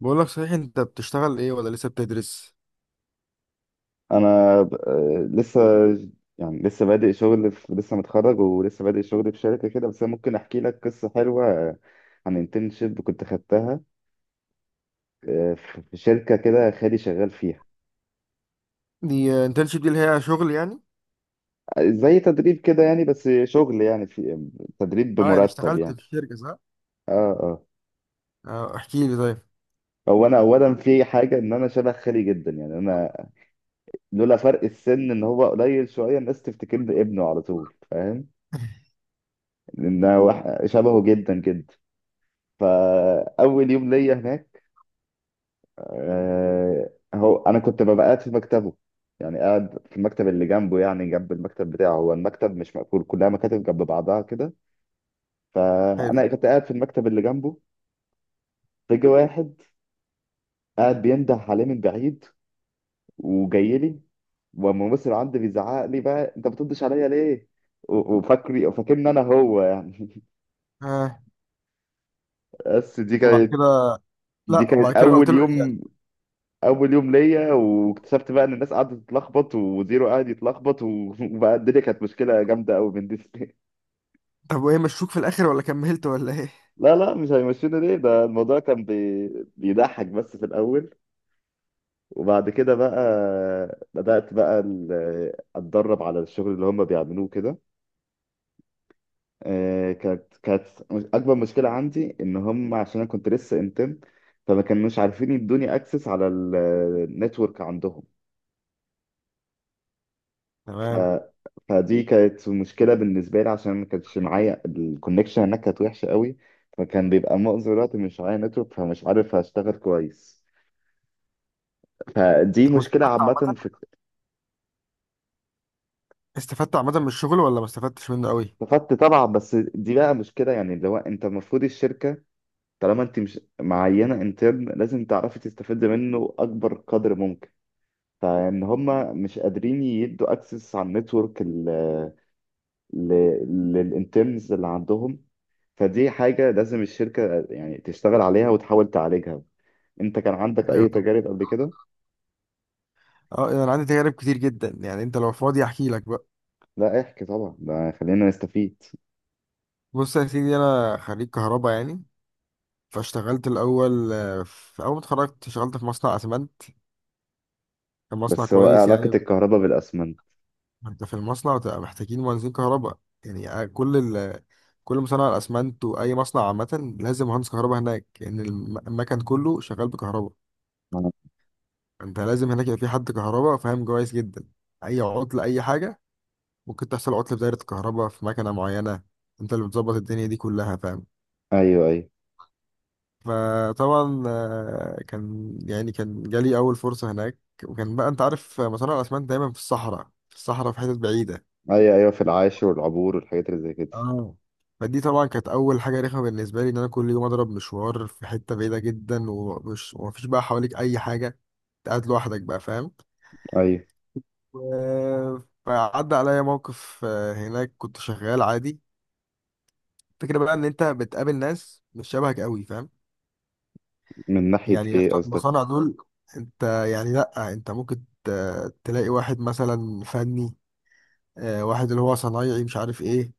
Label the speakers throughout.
Speaker 1: بقول لك صحيح، انت بتشتغل ايه ولا لسه بتدرس؟
Speaker 2: انا لسه. يعني لسه بادئ شغل في لسه متخرج ولسه بادئ شغل في شركه كده. بس انا ممكن احكي لك قصه حلوه، عن انترنشيب كنت خدتها، في شركه كده خالي شغال فيها.
Speaker 1: دي انترنشيب دي اللي هي شغل يعني؟
Speaker 2: زي تدريب كده يعني، بس شغل يعني في تدريب
Speaker 1: اه، يعني
Speaker 2: بمرتب
Speaker 1: اشتغلت
Speaker 2: يعني.
Speaker 1: في شركة، صح.
Speaker 2: اه اه.
Speaker 1: اه، احكي لي طيب.
Speaker 2: هو انا اولا في حاجه، ان انا شبه خالي جدا يعني. انا لولا فرق السن ان هو قليل شويه، الناس تفتكرني ابنه على طول، فاهم؟ لان أنا شبهه جدا جدا. فاول يوم ليا هناك، هو انا كنت ببقى قاعد في مكتبه، يعني قاعد في المكتب اللي جنبه، يعني جنب المكتب بتاعه. هو المكتب مش مقفول، كلها مكاتب جنب بعضها كده.
Speaker 1: حلو.
Speaker 2: فانا كنت قاعد في المكتب اللي جنبه. فجأة واحد قاعد بينده عليه من بعيد وجاي لي، والممثل عندي بيزعق لي بقى، انت بتردش عليا ليه؟ و- وفاكري فاكرني انا هو. يعني
Speaker 1: اه،
Speaker 2: بس دي
Speaker 1: وبعد
Speaker 2: كانت،
Speaker 1: كده؟
Speaker 2: دي
Speaker 1: لا، وبعد
Speaker 2: كانت
Speaker 1: كده قلت
Speaker 2: اول
Speaker 1: له ايه يعني؟
Speaker 2: يوم. اول يوم ليا، واكتشفت بقى ان الناس قعدت تتلخبط وزيرو قعد يتلخبط، وبقى الدنيا كانت مشكله جامده قوي بالنسبه لي.
Speaker 1: طب وايه مشوك في الاخر، ولا كملت ولا ايه؟
Speaker 2: لا لا، مش هيمشينا ليه، ده الموضوع كان بي... بيضحك بس في الاول. وبعد كده بقى بدات بقى اتدرب على الشغل اللي هم بيعملوه كده. كانت اكبر مشكله عندي ان هم، عشان انا كنت لسه انتم، فما كانوش عارفين يدوني اكسس على النتورك عندهم. ف...
Speaker 1: تمام.
Speaker 2: فدي كانت مشكله بالنسبه لي، عشان ما كانش معايا الكونكشن. هناك كانت وحشه قوي، فكان بيبقى معظم الوقت مش معايا نتورك، فمش عارف اشتغل كويس. فدي
Speaker 1: طب
Speaker 2: مشكله
Speaker 1: واستفدت
Speaker 2: عامه
Speaker 1: عامة؟
Speaker 2: في...
Speaker 1: استفدت عامة من الشغل ولا ما استفدتش منه قوي؟
Speaker 2: استفدت طبعا، بس دي بقى مشكله يعني، اللي هو انت المفروض الشركه، طالما انت مش معينه انترن، لازم تعرفي تستفيد منه اكبر قدر ممكن. فان هما مش قادرين يدوا اكسس على النتورك للانترنز اللي عندهم، فدي حاجة لازم الشركة يعني تشتغل عليها وتحاول تعالجها. انت كان عندك
Speaker 1: ايوه
Speaker 2: اي
Speaker 1: طبعا.
Speaker 2: تجارب قبل كده؟
Speaker 1: اه، يعني انا عندي تجارب كتير جدا، يعني انت لو فاضي احكي لك بقى.
Speaker 2: لا احكي طبعا، ده خلينا نستفيد.
Speaker 1: بص يا سيدي، انا خريج كهرباء يعني، فاشتغلت الاول، في اول ما اتخرجت اشتغلت في مصنع اسمنت. كان مصنع
Speaker 2: بس هو ايه
Speaker 1: كويس
Speaker 2: علاقة
Speaker 1: يعني.
Speaker 2: الكهرباء بالاسمنت؟
Speaker 1: انت في المصنع بتبقى محتاجين مهندسين كهرباء. يعني كل مصنع الاسمنت واي مصنع عامه لازم مهندس كهرباء هناك، لان المكن كله شغال بكهرباء.
Speaker 2: آه.
Speaker 1: انت لازم هناك يبقى في حد كهرباء فاهم كويس جدا، اي عطل اي حاجه. ممكن تحصل عطل في دايره الكهرباء في مكنه معينه، انت اللي بتظبط الدنيا دي كلها فاهم.
Speaker 2: ايوه ايوه.
Speaker 1: فطبعا كان يعني كان جالي اول فرصه هناك. وكان بقى انت عارف مصانع الاسمنت دايما في الصحراء، في حتت بعيده.
Speaker 2: ايوه ايوه، في العاشر والعبور والحاجات اللي زي كده.
Speaker 1: اه، فدي طبعا كانت اول حاجه رخمه بالنسبه لي، ان انا كل يوم اضرب مشوار في حته بعيده جدا، ومفيش بقى حواليك اي حاجه، انت قاعد لوحدك بقى فاهم.
Speaker 2: ايوه.
Speaker 1: و- فعدى عليا موقف، هناك كنت شغال عادي. الفكره بقى ان انت بتقابل ناس مش شبهك قوي فاهم.
Speaker 2: من ناحية
Speaker 1: يعني ناس
Speaker 2: ايه
Speaker 1: بتوع المصانع
Speaker 2: قصدك؟
Speaker 1: دول، انت يعني. لا، انت ممكن تلاقي واحد مثلا فني، واحد اللي هو صنايعي مش عارف ايه،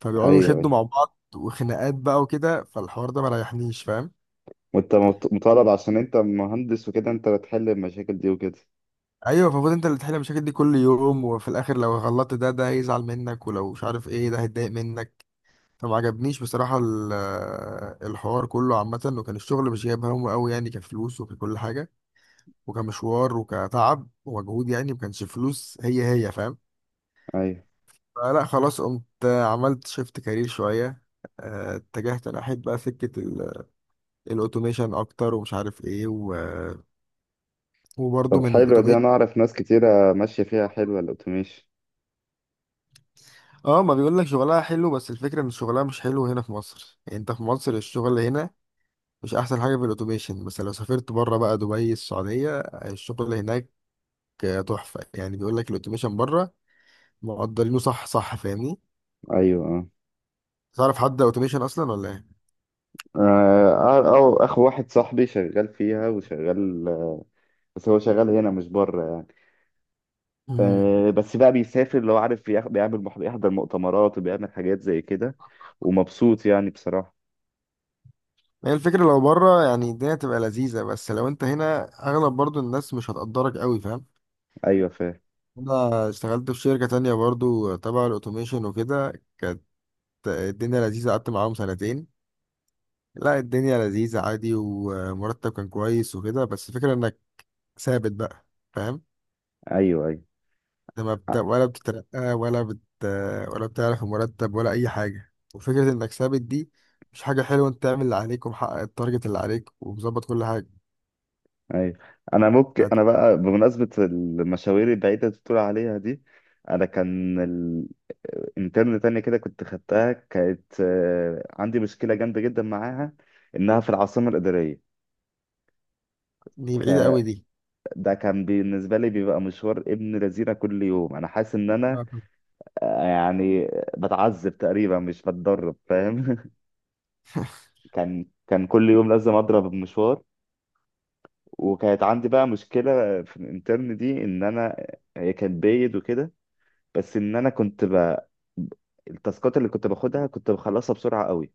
Speaker 1: فبيقعدوا
Speaker 2: ايوه
Speaker 1: يشدوا
Speaker 2: ايوه.
Speaker 1: مع بعض وخناقات بقى وكده، فالحوار ده ما ريحنيش فاهم.
Speaker 2: وانت مطالب، عشان انت مهندس وكده، انت بتحل المشاكل دي وكده.
Speaker 1: ايوه، المفروض انت اللي تحل المشاكل دي كل يوم، وفي الاخر لو غلطت ده هيزعل منك، ولو مش عارف ايه ده هيتضايق منك. فما عجبنيش بصراحه الحوار كله عامه، وكان الشغل مش جايب همه قوي يعني، كفلوس وككل حاجه وكمشوار وكتعب ومجهود، يعني ما كانش فلوس هي هي فاهم.
Speaker 2: ايوه.
Speaker 1: فلا خلاص، قمت عملت شيفت كارير شويه. اتجهت انا احب بقى سكه الاوتوميشن اكتر، ومش عارف ايه وبرضه
Speaker 2: طب
Speaker 1: من
Speaker 2: حلوة دي،
Speaker 1: الاوتوميشن.
Speaker 2: انا اعرف ناس كتيرة ماشية فيها، حلوة الاوتوميشن.
Speaker 1: اه، ما بيقول لك شغلها حلو، بس الفكره ان شغلها مش حلو هنا في مصر. يعني انت في مصر الشغل هنا مش احسن حاجه في الاوتوميشن، بس لو سافرت بره بقى، دبي، السعوديه، الشغل هناك تحفه. يعني بيقول لك الاوتوميشن بره مقدرينه، صح، صح، فاهمني.
Speaker 2: ايوه. آه.
Speaker 1: تعرف حد اوتوميشن اصلا ولا ايه؟
Speaker 2: أو أخ واحد صاحبي شغال فيها وشغال، بس هو شغال هنا مش بره يعني.
Speaker 1: امم.
Speaker 2: بس بقى بيسافر لو عارف بيعمل بيحضر مؤتمرات وبيعمل حاجات زي كده، ومبسوط يعني بصراحة.
Speaker 1: هي الفكره لو بره يعني الدنيا تبقى لذيذه، بس لو انت هنا اغلب برضو الناس مش هتقدرك قوي فاهم.
Speaker 2: أيوة فاهم.
Speaker 1: انا اشتغلت في شركه تانية برضو تبع الاوتوميشن وكده، كانت الدنيا لذيذه، قعدت معاهم سنتين. لا، الدنيا لذيذة عادي، ومرتب كان كويس وكده، بس الفكرة انك ثابت بقى فاهم.
Speaker 2: أيوة أيوة.
Speaker 1: انت ما بت... ولا بتترقى ولا بتعرف المرتب ولا اي حاجة. وفكرة انك ثابت دي مش حاجة حلوة. انت تعمل اللي عليك، ومحقق التارجت اللي عليك، ومظبط كل حاجة.
Speaker 2: ايوه. انا ممكن،
Speaker 1: فت-
Speaker 2: انا بقى بمناسبه المشاوير البعيده اللي بتقول عليها دي، انا كان انترن تانية كده كنت خدتها، كانت عندي مشكله جامده جدا معاها، انها في العاصمه الاداريه.
Speaker 1: دي بعيدة قوي دي.
Speaker 2: ده كان بالنسبة لي بيبقى مشوار ابن لذينة كل يوم، أنا حاسس إن
Speaker 1: آه،
Speaker 2: أنا،
Speaker 1: طب
Speaker 2: يعني بتعذب تقريبا مش بتدرب، فاهم؟ كان كل يوم لازم أضرب المشوار. وكانت عندي بقى مشكلة في الانترن دي، إن أنا، هي كانت بايد وكده، بس إن أنا كنت ب... التاسكات اللي كنت باخدها كنت بخلصها بسرعة قوي،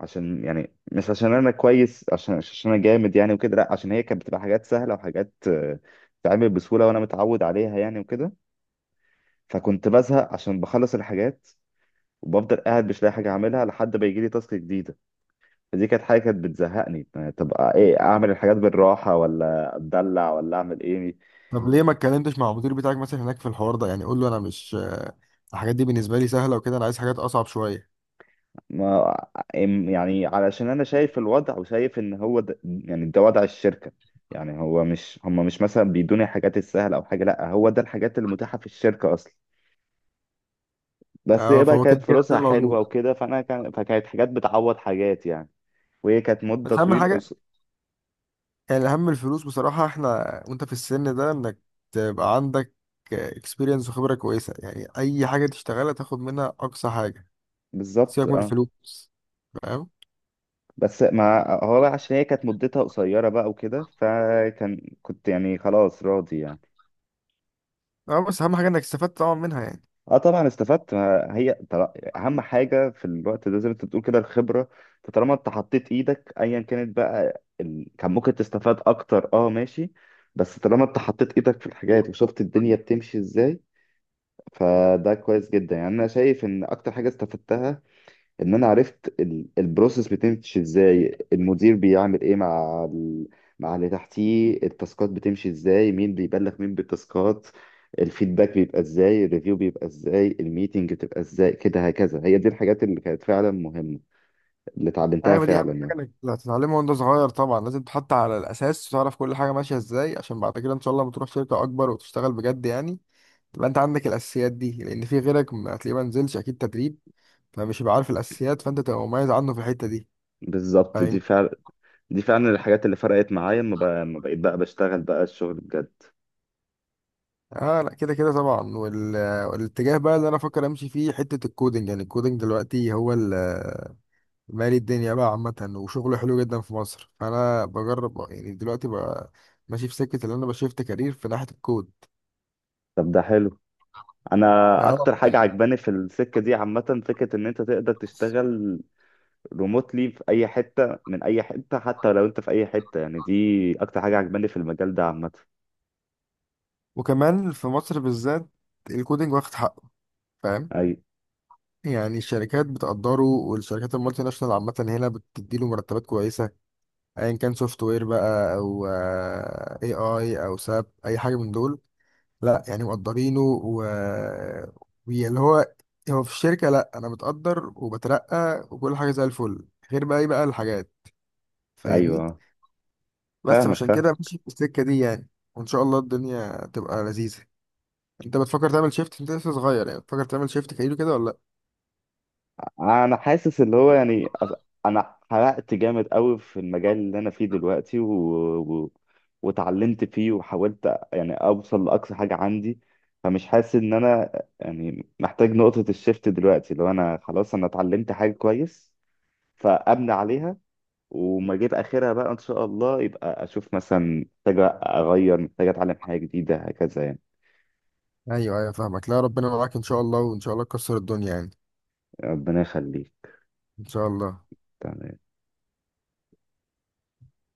Speaker 2: عشان يعني، مش عشان أنا كويس، عشان أنا جامد يعني وكده، لأ عشان هي كانت بتبقى حاجات سهلة وحاجات تتعمل بسهولة وأنا متعود عليها يعني وكده. فكنت بزهق عشان بخلص الحاجات، وبفضل قاعد مش لاقي حاجه اعملها لحد ما يجي لي تاسك جديده. فدي كانت حاجه كانت بتزهقني يعني، تبقى ايه، اعمل الحاجات بالراحه ولا اتدلع ولا اعمل ايه؟
Speaker 1: طب ليه ما اتكلمتش مع المدير بتاعك مثلا هناك في الحوار ده؟ يعني قول له انا مش، الحاجات دي بالنسبة لي سهلة وكده، انا عايز حاجات اصعب شوية.
Speaker 2: ما يعني علشان انا شايف الوضع وشايف ان هو ده، يعني ده وضع الشركه يعني. هو مش هم مش مثلا بيدوني الحاجات السهله او حاجه، لا هو ده الحاجات المتاحه في الشركه اصلا. بس
Speaker 1: اه،
Speaker 2: هي بقى
Speaker 1: فهو كده
Speaker 2: كانت
Speaker 1: كده
Speaker 2: فلوسها
Speaker 1: موجود.
Speaker 2: حلوه وكده، فانا كان، فكانت حاجات بتعوض حاجات يعني. وهي كانت مده
Speaker 1: بس اهم
Speaker 2: طويله.
Speaker 1: حاجة، يعني الأهم الفلوس بصراحة. احنا وانت في السن ده انك تبقى عندك اكسبيرينس وخبرة كويسة، يعني أي حاجة تشتغلها تاخد منها أقصى حاجة.
Speaker 2: بالظبط
Speaker 1: سيبك من
Speaker 2: اه.
Speaker 1: الفلوس، فاهم؟
Speaker 2: بس ما هو بقى، عشان هي كانت مدتها قصيرة بقى وكده، فكان كنت يعني خلاص راضي يعني.
Speaker 1: اه، بس أهم حاجة انك استفدت طبعا منها يعني.
Speaker 2: اه طبعا استفدت، ما هي اهم حاجة في الوقت ده زي ما انت بتقول كده الخبرة. انت طالما انت حطيت ايدك، ايا كانت بقى كان ممكن تستفاد اكتر، اه ماشي، بس طالما انت حطيت ايدك في الحاجات وشفت الدنيا بتمشي ازاي، فده كويس جدا يعني. انا شايف ان اكتر حاجة استفدتها ان انا عرفت البروسيس بتمشي ازاي، المدير بيعمل ايه مع مع اللي تحتيه، التاسكات بتمشي ازاي، مين بيبلغ مين بالتاسكات، الفيدباك بيبقى ازاي، الريفيو بيبقى ازاي، الميتنج بتبقى ازاي كده هكذا. هي دي الحاجات اللي كانت فعلا مهمة، اللي اتعلمتها
Speaker 1: أيوة، دي
Speaker 2: فعلا
Speaker 1: أهم
Speaker 2: يعني.
Speaker 1: حاجة انك هتتعلمها وانت صغير. طبعا لازم تحط على الأساس وتعرف كل حاجة ماشية ازاي، عشان بعد كده إن شاء الله لما تروح شركة أكبر وتشتغل بجد يعني، تبقى انت عندك الأساسيات دي، لأن في غيرك ما هتلاقيه ما نزلش أكيد تدريب، فمش هيبقى عارف الأساسيات، فانت تبقى مميز عنه في الحتة دي،
Speaker 2: بالظبط، دي
Speaker 1: فاهمني؟
Speaker 2: فعلا، دي فعلا الحاجات اللي فرقت معايا لما بقى... ما بقيت بقى بشتغل بقى الشغل بجد.
Speaker 1: اه لا، كده كده طبعا. والاتجاه بقى اللي انا افكر امشي فيه حته الكودنج. يعني الكودنج دلوقتي هو مالي الدنيا بقى عامه، وشغله حلو جدا في مصر، فانا بجرب يعني دلوقتي بقى ماشي في سكه اللي انا بشفت كارير في ناحيه الكود.
Speaker 2: طب ده حلو. انا
Speaker 1: اه،
Speaker 2: اكتر حاجه عجباني في السكه دي عامه، فكره ان انت تقدر تشتغل ريموتلي في اي حته، من اي حته، حتى لو انت في اي حته يعني. دي اكتر حاجه عجباني في المجال ده عامه.
Speaker 1: وكمان في مصر بالذات الكودنج واخد حقه فاهم.
Speaker 2: اي.
Speaker 1: يعني الشركات بتقدره، والشركات المالتي ناشونال عامة هنا بتديله مرتبات كويسة، أيا كان سوفت وير بقى، أو اي اي، أو ساب، أي حاجة من دول. لا يعني مقدرينه واللي هو، هو في الشركة لا أنا متقدر وبترقى وكل حاجة زي الفل، غير بقى إيه بقى الحاجات، فاهمني.
Speaker 2: ايوه.
Speaker 1: بس
Speaker 2: فاهمك
Speaker 1: عشان
Speaker 2: فاهم.
Speaker 1: كده ماشي في السكة دي يعني، وإن شاء الله الدنيا تبقى لذيذة. أنت بتفكر تعمل شيفت؟ أنت لسه صغير يعني، بتفكر تعمل شيفت كارير كده ولا
Speaker 2: انا حاسس اللي هو يعني انا حرقت جامد قوي في المجال اللي انا فيه دلوقتي، و... و... وتعلمت فيه وحاولت يعني اوصل لاقصى حاجه عندي. فمش حاسس ان انا يعني محتاج نقطه الشيفت دلوقتي. لو انا خلاص انا اتعلمت حاجه كويس، فابني عليها وما اجيب اخرها بقى. ان شاء الله يبقى اشوف مثلا محتاجه اغير، محتاجه اتعلم حاجه جديده هكذا يعني.
Speaker 1: لأ؟ أيوه، أيوه، فاهمك. لا، ربنا معاك إن شاء الله، وإن شاء الله تكسر الدنيا يعني.
Speaker 2: ربنا يخليك.
Speaker 1: إن شاء الله.
Speaker 2: تمام